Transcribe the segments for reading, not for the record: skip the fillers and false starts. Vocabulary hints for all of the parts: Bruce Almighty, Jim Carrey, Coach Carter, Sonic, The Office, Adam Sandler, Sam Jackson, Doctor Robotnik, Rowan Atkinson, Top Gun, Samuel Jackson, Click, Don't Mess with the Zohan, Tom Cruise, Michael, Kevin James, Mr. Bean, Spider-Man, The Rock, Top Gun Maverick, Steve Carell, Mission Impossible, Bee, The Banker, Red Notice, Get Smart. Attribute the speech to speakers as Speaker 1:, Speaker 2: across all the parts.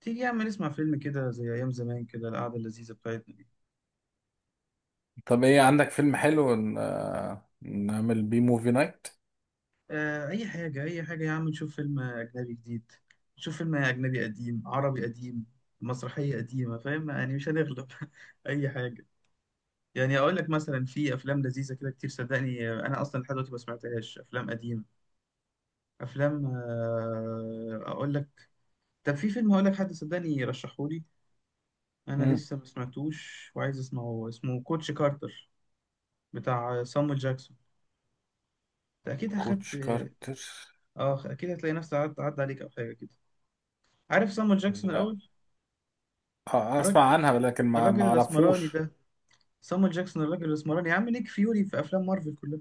Speaker 1: تيجي يا عم نسمع فيلم كده زي أيام زمان كده القعدة اللذيذة بتاعتنا دي.
Speaker 2: طب ايه عندك فيلم حلو ن... نعمل بيه موفي نايت.
Speaker 1: آه، أي حاجة يا عم، نشوف فيلم أجنبي جديد، نشوف فيلم أجنبي قديم، عربي قديم، مسرحية قديمة، فاهم يعني؟ مش هنغلب. أي حاجة. يعني أقول لك مثلا في أفلام لذيذة كده كتير، صدقني. أنا أصلا لحد دلوقتي ما سمعتهاش أفلام قديمة. أفلام، أقول لك، طب في فيلم هقول لك، حد صدقني رشحهولي، أنا
Speaker 2: مم.
Speaker 1: لسه ما سمعتوش وعايز أسمعه، اسمه كوتش كارتر، بتاع صامويل جاكسون. أكيد أخدت،
Speaker 2: كوتش كارتر.
Speaker 1: اه اكيد هتلاقي نفسك عدى عليك او حاجه كده. عارف صامويل جاكسون
Speaker 2: لا
Speaker 1: الاول؟ الراجل،
Speaker 2: اسمع عنها لكن ما
Speaker 1: الاسمراني
Speaker 2: اعرفوش.
Speaker 1: ده، صامويل جاكسون، الراجل الاسمراني، عامل نيك فيوري في افلام مارفل كلها.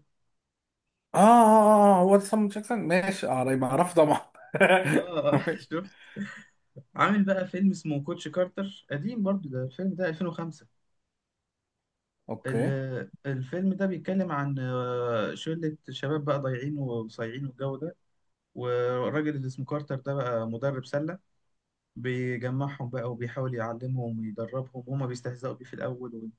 Speaker 2: اه هو ده سام جاكسون ماشي، اه
Speaker 1: هو
Speaker 2: ما
Speaker 1: ده.
Speaker 2: اعرف طبعا.
Speaker 1: اه.
Speaker 2: ماشي.
Speaker 1: شفت؟ عامل بقى فيلم اسمه كوتش كارتر، قديم برضو، ده الفيلم ده 2005.
Speaker 2: اوكي.
Speaker 1: الفيلم ده بيتكلم عن شلة شباب بقى ضايعين وصايعين والجو ده، والراجل اللي اسمه كارتر ده بقى مدرب سلة، بيجمعهم بقى وبيحاول يعلمهم ويدربهم، وهما بيستهزئوا بيه في الأول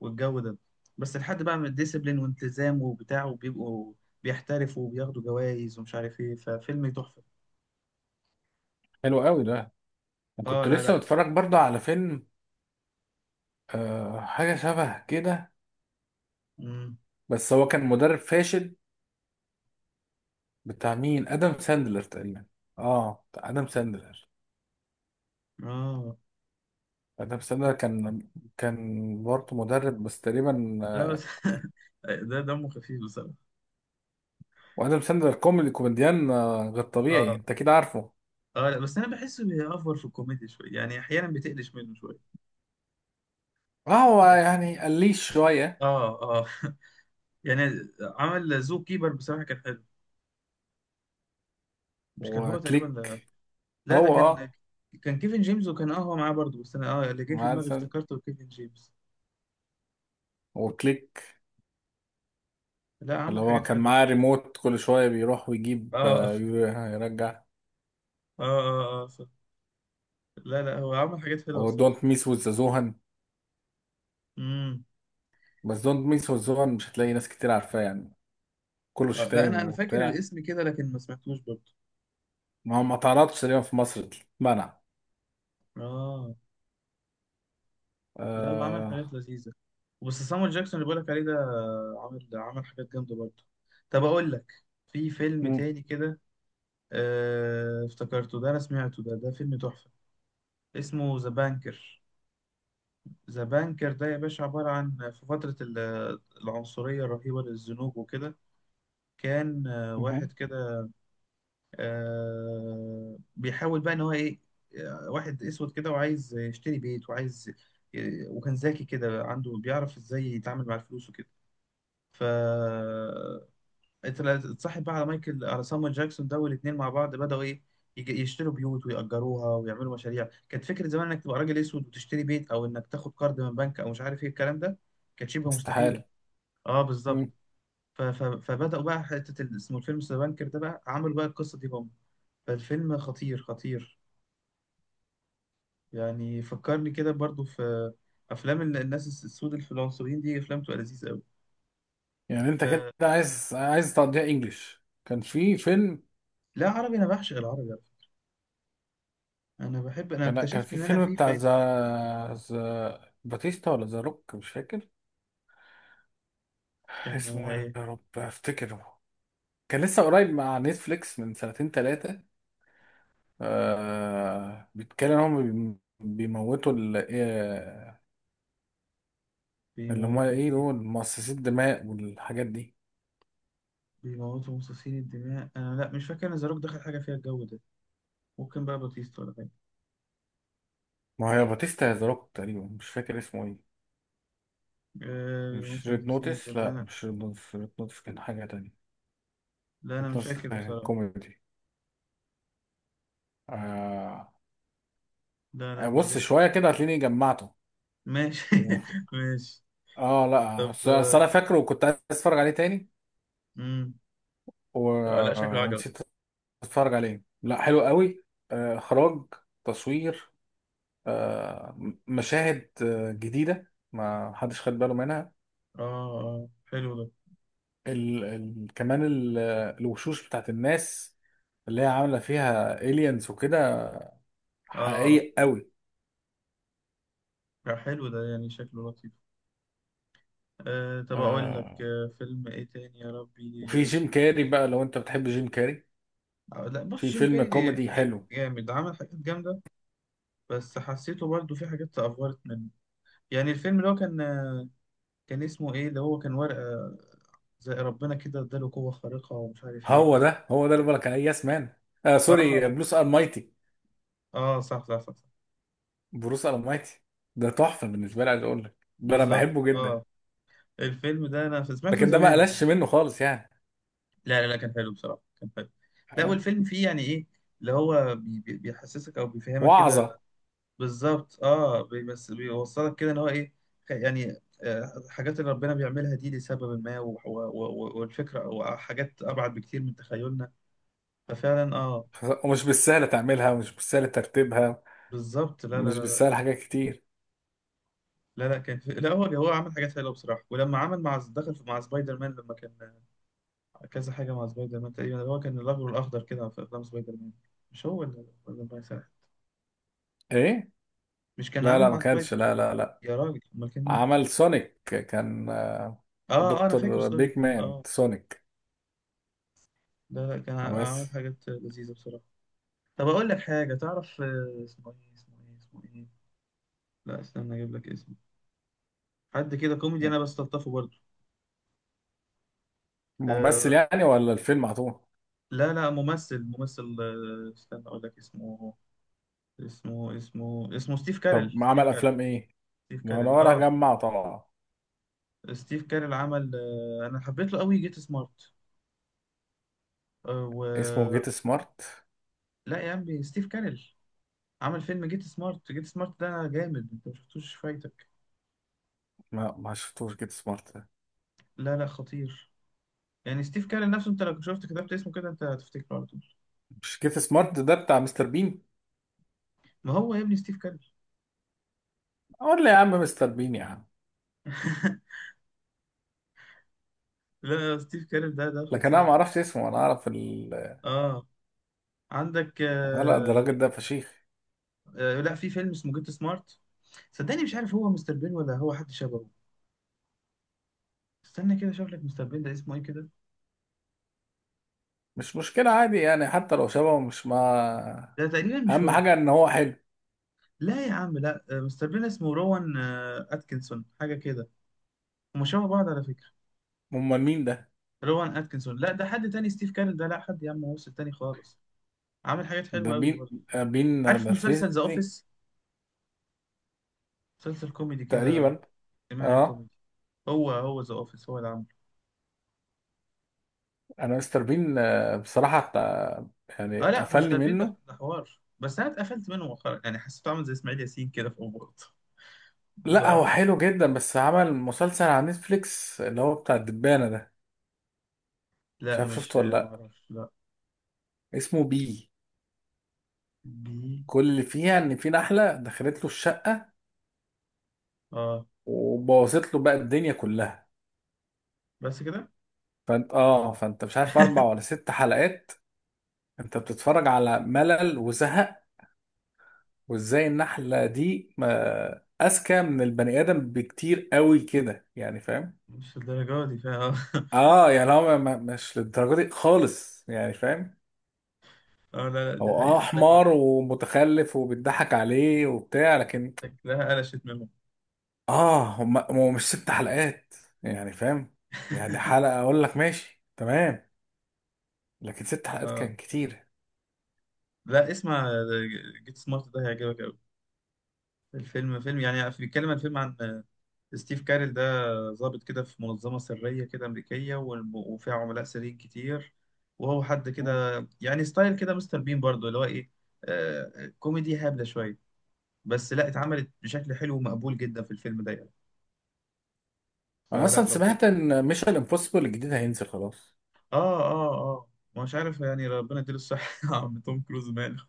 Speaker 1: والجو ده، بس لحد بقى من الديسيبلين والتزام وبتاع، وبيبقوا بيحترفوا وبياخدوا جوائز ومش عارف ايه، ففيلم تحفة.
Speaker 2: حلو قوي ده،
Speaker 1: اه،
Speaker 2: وكنت
Speaker 1: لا
Speaker 2: لسه
Speaker 1: لا.
Speaker 2: بتفرج برضه على فيلم آه حاجه شبه كده،
Speaker 1: امم.
Speaker 2: بس هو كان مدرب فاشل. بتاع مين؟ ادم ساندلر تقريبا. اه بتاع ادم ساندلر.
Speaker 1: اه
Speaker 2: ادم ساندلر كان كان برضه مدرب بس تقريبا
Speaker 1: لا بس. ده دمه خفيف بصراحة.
Speaker 2: وادم ساندلر كوميدي كوميديان غير طبيعي،
Speaker 1: اه
Speaker 2: انت كده عارفه.
Speaker 1: اه، لا بس انا بحسه بيأفور في الكوميديا شوية، يعني احيانا بتقلش منه شوية.
Speaker 2: اه هو يعني قليش شويه.
Speaker 1: اه اه. يعني عمل زو كيبر، بصراحة كان حلو. مش كان هو تقريبا؟
Speaker 2: وكليك.
Speaker 1: لا ده
Speaker 2: هو
Speaker 1: كان،
Speaker 2: اه.
Speaker 1: كان كيفن جيمس، وكان اه هو معاه برضه، بس انا اه اللي جه في دماغي
Speaker 2: مثلا
Speaker 1: افتكرته كيفن جيمس.
Speaker 2: وكليك،
Speaker 1: لا
Speaker 2: اللي
Speaker 1: عمل
Speaker 2: هو
Speaker 1: حاجات
Speaker 2: كان
Speaker 1: حلوه
Speaker 2: معاه
Speaker 1: بصراحه.
Speaker 2: ريموت كل شويه بيروح ويجيب،
Speaker 1: اه اه
Speaker 2: يرجع.
Speaker 1: صح. لا لا هو عمل حاجات حلوه بصراحه.
Speaker 2: ودونت ميس وذ زوهان،
Speaker 1: امم.
Speaker 2: بس دونت ميس وذ زوهان مش هتلاقي ناس كتير عارفاه يعني، كله
Speaker 1: آه لا انا
Speaker 2: شتايم
Speaker 1: فاكر
Speaker 2: وبتاع.
Speaker 1: الاسم كده، لكن ما سمعتوش برضه.
Speaker 2: ما هو ما اتعرضش تقريبا، في مصر منع.
Speaker 1: اه لا هو عمل
Speaker 2: آه.
Speaker 1: حاجات لذيذه، بس سامويل جاكسون اللي بقولك عليه ده، عمل حاجات جامده برضه. طب اقول لك، في فيلم
Speaker 2: مم،
Speaker 1: تاني كده افتكرته ده، انا سمعته ده، ده فيلم تحفه، اسمه ذا بانكر. ذا بانكر ده يا باشا عبارة عن، في فترة العنصرية الرهيبة للزنوج وكده، كان
Speaker 2: مهم.
Speaker 1: واحد كده، بيحاول بقى إن هو إيه، واحد أسود كده وعايز يشتري بيت وعايز، وكان ذكي كده عنده، بيعرف إزاي يتعامل مع الفلوس وكده، ف انت اتصاحب بقى على مايكل، على سامويل جاكسون ده، والاثنين مع بعض بدأوا ايه، يشتروا بيوت ويأجروها ويعملوا مشاريع. كانت فكرة زمان انك تبقى راجل اسود وتشتري بيت، او انك تاخد قرض من بنك، او مش عارف ايه الكلام ده، كانت شبه مستحيلة.
Speaker 2: استحاله.
Speaker 1: اه بالظبط.
Speaker 2: مم.
Speaker 1: ف- ف- فبدأوا بقى حتة اسمه الفيلم ذا بانكر ده بقى، عملوا بقى القصة دي هم. فالفيلم خطير خطير، يعني فكرني كده برضو في افلام الناس السود الفلانسويين دي، افلام بتبقى لذيذة قوي.
Speaker 2: يعني انت كده
Speaker 1: ف-
Speaker 2: عايز عايز تقضيها انجلش؟ كان في فيلم،
Speaker 1: لا عربي، انا بعشق العربي على فكرة. انا بحب، انا
Speaker 2: كان كان
Speaker 1: اكتشفت
Speaker 2: في
Speaker 1: ان انا
Speaker 2: فيلم
Speaker 1: في
Speaker 2: بتاع
Speaker 1: فايت،
Speaker 2: ذا باتيستا ولا ذا روك مش فاكر
Speaker 1: كان
Speaker 2: اسمه ايه، يا رب افتكره. كان لسه قريب مع نتفليكس من سنتين ثلاثة، آه بيتكلم ان هم بيم- بيموتوا ال- آه، اللي هم
Speaker 1: بيموتوا
Speaker 2: ايه
Speaker 1: مين؟
Speaker 2: دول مؤسسي الدماء والحاجات دي.
Speaker 1: بيموتوا مصاصين الدماء. انا لا مش فاكر ان زاروك دخل حاجه فيها الجو ده، ممكن بقى باتيستا ولا حاجه.
Speaker 2: ما هي باتيستا يا ذا روك، تقريبا مش فاكر اسمه ايه.
Speaker 1: آه
Speaker 2: مش
Speaker 1: بيموتوا
Speaker 2: ريد
Speaker 1: مصاصين
Speaker 2: نوتس، لا
Speaker 1: الدماء.
Speaker 2: مش ريد نوتس، ريد نوتس كان حاجة تانية.
Speaker 1: لا انا
Speaker 2: ريد
Speaker 1: مش
Speaker 2: نوتس
Speaker 1: فاكر
Speaker 2: كان
Speaker 1: بصراحه.
Speaker 2: كوميدي. آه.
Speaker 1: لا لا مش
Speaker 2: بص
Speaker 1: جاي.
Speaker 2: شوية كده هتلاقيني جمعته.
Speaker 1: ماشي. ماشي.
Speaker 2: اه لا
Speaker 1: طب
Speaker 2: أصل- أصل انا
Speaker 1: آه.
Speaker 2: فاكره وكنت عايز اتفرج عليه تاني
Speaker 1: مم.
Speaker 2: و...
Speaker 1: آه لا شكله عجبك.
Speaker 2: ونسيت اتفرج عليه. لا حلو قوي، اخراج، تصوير، مشاهد جديده ما حدش خد باله منها.
Speaker 1: اه اه حلو ده.
Speaker 2: ال... ال... كمان ال... الوشوش بتاعت الناس اللي هي عامله فيها الينز وكده،
Speaker 1: اه اه.
Speaker 2: حقيقي قوي.
Speaker 1: لا، حلو ده، يعني شكله لطيف. آه طب اقول لك
Speaker 2: آه،
Speaker 1: آه فيلم ايه تاني يا ربي؟
Speaker 2: وفي جيم كاري بقى لو انت بتحب جيم كاري،
Speaker 1: آه لا بص،
Speaker 2: في
Speaker 1: جيم
Speaker 2: فيلم
Speaker 1: كاري،
Speaker 2: كوميدي حلو.
Speaker 1: جامد عمل حاجات جامده، بس حسيته برضه في حاجات افورت منه. يعني الفيلم اللي هو كان كان اسمه ايه، اللي هو كان ورقة زي ربنا كده اداله قوة خارقة، ومش عارف ايه.
Speaker 2: هو ده هو ده اللي بقولك عليه، يس مان. آه
Speaker 1: اه
Speaker 2: سوري،
Speaker 1: اه
Speaker 2: بلوس ار،
Speaker 1: صح صح صح.
Speaker 2: بروس المايتي. ده تحفه بالنسبه لي، عايز اقول لك ده انا
Speaker 1: بالظبط
Speaker 2: بحبه جدا،
Speaker 1: اه. الفيلم ده انا سمعته
Speaker 2: لكن ده ما
Speaker 1: زمان.
Speaker 2: قلش منه خالص يعني.
Speaker 1: لا لا لا كان حلو بصراحة، كان حلو. لا
Speaker 2: ها؟
Speaker 1: والفيلم فيه يعني ايه، اللي هو بي بي بيحسسك او بيفهمك كده.
Speaker 2: وعظه.
Speaker 1: بالظبط اه، بس بيوصلك كده ان هو ايه، يعني الحاجات اللي ربنا بيعملها دي لسبب ما، والفكرة او حاجات ابعد بكتير من تخيلنا. ففعلا اه.
Speaker 2: ومش بالسهل تعملها ومش بالسهل ترتيبها
Speaker 1: بالظبط لا لا
Speaker 2: ومش
Speaker 1: لا.
Speaker 2: بالسهل حاجات كتير.
Speaker 1: لا لا كان في، لا هو هو عمل حاجات حلوه بصراحه، ولما عمل مع، دخل في، مع سبايدر مان لما كان، كذا حاجه مع سبايدر مان تقريبا، هو كان الاخضر، كده في افلام سبايدر مان، مش هو ولا، ولا الله يسامحه.
Speaker 2: ايه.
Speaker 1: مش كان
Speaker 2: لا
Speaker 1: عامل
Speaker 2: لا ما
Speaker 1: مع سبايدر؟
Speaker 2: كانش، لا لا لا.
Speaker 1: يا راجل، امال كان مين؟
Speaker 2: عمل سونيك كان
Speaker 1: اه اه انا فاكر
Speaker 2: دكتور
Speaker 1: سونيك،
Speaker 2: بيج مان
Speaker 1: اه.
Speaker 2: سونيك.
Speaker 1: لا لا كان عمل
Speaker 2: بس
Speaker 1: حاجات لذيذه بصراحه. طب اقول لك حاجه، تعرف اسمه ايه اسمه ايه؟ لا استنى اجيب لك اسمه، حد كده كوميدي انا بستلطفه برضه.
Speaker 2: ممثل
Speaker 1: آه
Speaker 2: يعني ولا الفيلم على طول؟
Speaker 1: لا لا ممثل، آه استنى اقول لك اسمه، اسمه ستيف
Speaker 2: طب
Speaker 1: كارل،
Speaker 2: ما عمل افلام ايه،
Speaker 1: ستيف
Speaker 2: ما انا
Speaker 1: كارل
Speaker 2: ورا
Speaker 1: اه.
Speaker 2: جمع طبعا.
Speaker 1: ستيف كارل عمل آه، انا حبيت له قوي جيت سمارت، آه و.
Speaker 2: اسمه جيت سمارت؟
Speaker 1: لا يا عمي ستيف كارل، عمل فيلم جيت سمارت، ده جامد، انت ما شفتوش فايتك؟
Speaker 2: ما شفتوش جيت سمارت.
Speaker 1: لا لا خطير. يعني ستيف كارل نفسه، انت لو كنت شفت كتبت اسمه كده، انت هتفتكره على طول.
Speaker 2: مش كيف سمارت ده بتاع مستر بين؟
Speaker 1: ما هو يا ابني ستيف كارل.
Speaker 2: قول لي يا عم مستر بين يا عم.
Speaker 1: لا ستيف كارل ده،
Speaker 2: لكن انا ما
Speaker 1: خطير.
Speaker 2: اعرفش اسمه، انا اعرف ال...
Speaker 1: اه عندك
Speaker 2: هلا ده
Speaker 1: آه.
Speaker 2: الراجل ده فشيخ.
Speaker 1: آه لا في فيلم اسمه جيت سمارت، صدقني مش عارف هو مستر بين ولا هو حد شبهه، استنى كده اشوف لك مستر بين ده اسمه ايه كده.
Speaker 2: مش مشكله، عادي يعني، حتى لو شبهه مش ما،
Speaker 1: ده تقريبا مش
Speaker 2: اهم
Speaker 1: هو.
Speaker 2: حاجه ان هو حلو.
Speaker 1: لا يا عم لا، مستر بين اسمه روان، اتكنسون حاجه كده، هما شبه بعض على فكره.
Speaker 2: امال مين ده؟
Speaker 1: روان اتكنسون، لا ده حد تاني. ستيف كارل ده لا، حد يا عم، هو تاني خالص، عامل حاجات
Speaker 2: ده
Speaker 1: حلوه قوي
Speaker 2: بين،
Speaker 1: برضه.
Speaker 2: بين
Speaker 1: عارف مسلسل ذا
Speaker 2: نرفزني.
Speaker 1: اوفيس؟ مسلسل كوميدي كده،
Speaker 2: تقريبا.
Speaker 1: اجتماعي
Speaker 2: اه
Speaker 1: كوميدي، هو هو، ذا اوفيس هو اللي عامله.
Speaker 2: انا مستر بين بصراحه يعني
Speaker 1: اه لا
Speaker 2: قفلني
Speaker 1: مستر بين ده
Speaker 2: منه.
Speaker 1: حوار، بس انا اتقفلت منه مؤخرا يعني، حسيته عامل زي اسماعيل ياسين كده في اوقات.
Speaker 2: لا هو
Speaker 1: بصراحه.
Speaker 2: حلو جدا، بس عمل مسلسل على نتفليكس اللي هو بتاع الدبانه ده، مش
Speaker 1: لا
Speaker 2: عارف
Speaker 1: مش،
Speaker 2: شفته ولا
Speaker 1: ما
Speaker 2: لا.
Speaker 1: اعرفش لا.
Speaker 2: اسمه بي.
Speaker 1: بي.
Speaker 2: كل اللي فيها ان في نحله دخلت له الشقه
Speaker 1: اه
Speaker 2: وبوظت له بقى الدنيا كلها،
Speaker 1: بس كده؟
Speaker 2: فانت اه فانت مش عارف اربع ولا ست حلقات انت بتتفرج على ملل وزهق، وازاي النحله دي ما اذكى من البني ادم بكتير قوي كده، يعني فاهم.
Speaker 1: مش الدرجة دي فيها.
Speaker 2: اه يعني هو مش للدرجه دي خالص يعني فاهم،
Speaker 1: اه لا لا دي
Speaker 2: هو اه
Speaker 1: حقيقة شكل،
Speaker 2: حمار ومتخلف وبيضحك عليه وبتاع لكن،
Speaker 1: شكلها قلشت منهم.
Speaker 2: اه هم هو مش ست حلقات يعني فاهم، يعني حلقة اقول لك ماشي تمام، لكن ست حلقات
Speaker 1: اه
Speaker 2: كان كتير.
Speaker 1: لا اسمع جيت سمارت ده هيعجبك أوي. الفيلم فيلم يعني، بيتكلم الفيلم عن ستيف كارل ده، ضابط كده في منظمة سرية كده أمريكية، وفيها عملاء سريين كتير، وهو حد
Speaker 2: مم.
Speaker 1: كده يعني، ستايل كده مستر بين برضه، اللي هو إيه، آه كوميدي هابلة شوية، بس لا اتعملت بشكل حلو ومقبول جدا في الفيلم ده يعني.
Speaker 2: انا
Speaker 1: فلا
Speaker 2: اصلا
Speaker 1: لطيف.
Speaker 2: سمعت ان ميشن امبوسيبل الجديد هينزل خلاص.
Speaker 1: اه اه اه. ما مش عارف يعني، ربنا يديله الصحة. يا عم توم كروز ماله؟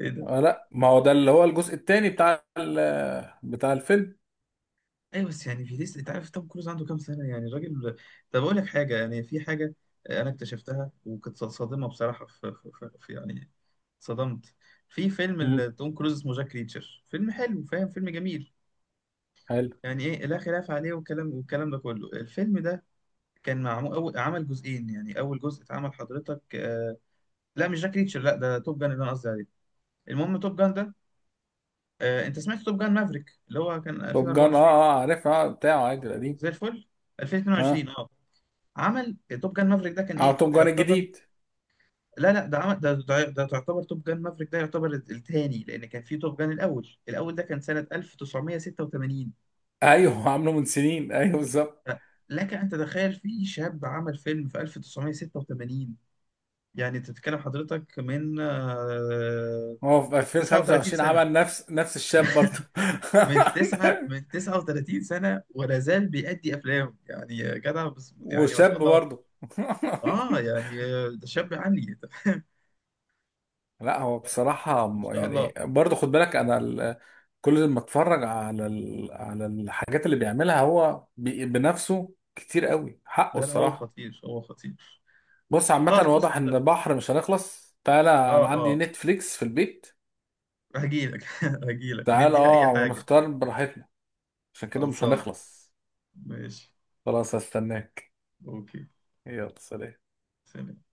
Speaker 1: ايه ده.
Speaker 2: لا ما هو ده اللي هو الجزء التاني بتاع ال- بتاع الفيلم.
Speaker 1: ايوه بس يعني في لسه، انت عارف توم كروز عنده كام سنة يعني الراجل. طب اقول لك حاجة، يعني في حاجة انا اكتشفتها وكنت صادمة بصراحة، في يعني صدمت، في فيلم
Speaker 2: مم.
Speaker 1: توم كروز اسمه جاك ريتشر، فيلم حلو فاهم، فيلم جميل،
Speaker 2: حلو.
Speaker 1: يعني ايه لا خلاف عليه، والكلام ده كله. الفيلم ده كان معمول، أول عمل جزئين، يعني اول جزء اتعمل حضرتك آه، لا مش جاك ريتشر، لا ده توب جان اللي انا قصدي عليه. المهم توب جان ده، انت سمعت توب جان مافريك اللي هو كان
Speaker 2: توب جان، اه
Speaker 1: 2024؟
Speaker 2: اه عارف، اه بتاعه عادي
Speaker 1: آه،
Speaker 2: القديم.
Speaker 1: زي الفل.
Speaker 2: اه
Speaker 1: 2022 اه. عمل توب جان مافريك ده، كان
Speaker 2: اه
Speaker 1: ايه
Speaker 2: توب
Speaker 1: ده
Speaker 2: جان
Speaker 1: يعتبر،
Speaker 2: الجديد.
Speaker 1: لا لا ده عمل ده، تعتبر توب جان مافريك ده يعتبر الثاني، لان كان في توب جان الاول، الاول ده كان سنة 1986.
Speaker 2: ايوه، عامله من سنين ايوه بالظبط.
Speaker 1: ف- لك ان تتخيل، في شاب عمل فيلم في 1986، يعني تتكلم حضرتك من
Speaker 2: هو في
Speaker 1: 39
Speaker 2: 2025
Speaker 1: سنة،
Speaker 2: عمل نفس نفس الشاب برضه.
Speaker 1: من 39 سنة ولا زال بيأدي أفلام، يعني يا جدع بس، يعني ما شاء
Speaker 2: وشاب
Speaker 1: الله.
Speaker 2: برضه.
Speaker 1: اه يعني ده شاب عني.
Speaker 2: لا هو
Speaker 1: تمام،
Speaker 2: بصراحة
Speaker 1: ما
Speaker 2: م-
Speaker 1: شاء الله.
Speaker 2: يعني برضه خد بالك أنا ال- كل ما اتفرج على ال... على الحاجات اللي بيعملها هو بي... بنفسه كتير قوي حقه
Speaker 1: لا لا هو
Speaker 2: الصراحة.
Speaker 1: خطير، خطير.
Speaker 2: بص عامة
Speaker 1: خلاص بص،
Speaker 2: واضح إن بحر مش هنخلص، تعالى.
Speaker 1: اه
Speaker 2: أنا عندي
Speaker 1: اه،
Speaker 2: نتفليكس في البيت.
Speaker 1: هجيلك. هجيلك
Speaker 2: تعال
Speaker 1: نديها اي
Speaker 2: أه
Speaker 1: حاجة.
Speaker 2: ونختار براحتنا، عشان كده مش
Speaker 1: خلصان،
Speaker 2: هنخلص.
Speaker 1: ماشي.
Speaker 2: خلاص هستناك.
Speaker 1: اوكي.
Speaker 2: يلا، سلام.
Speaker 1: سلام.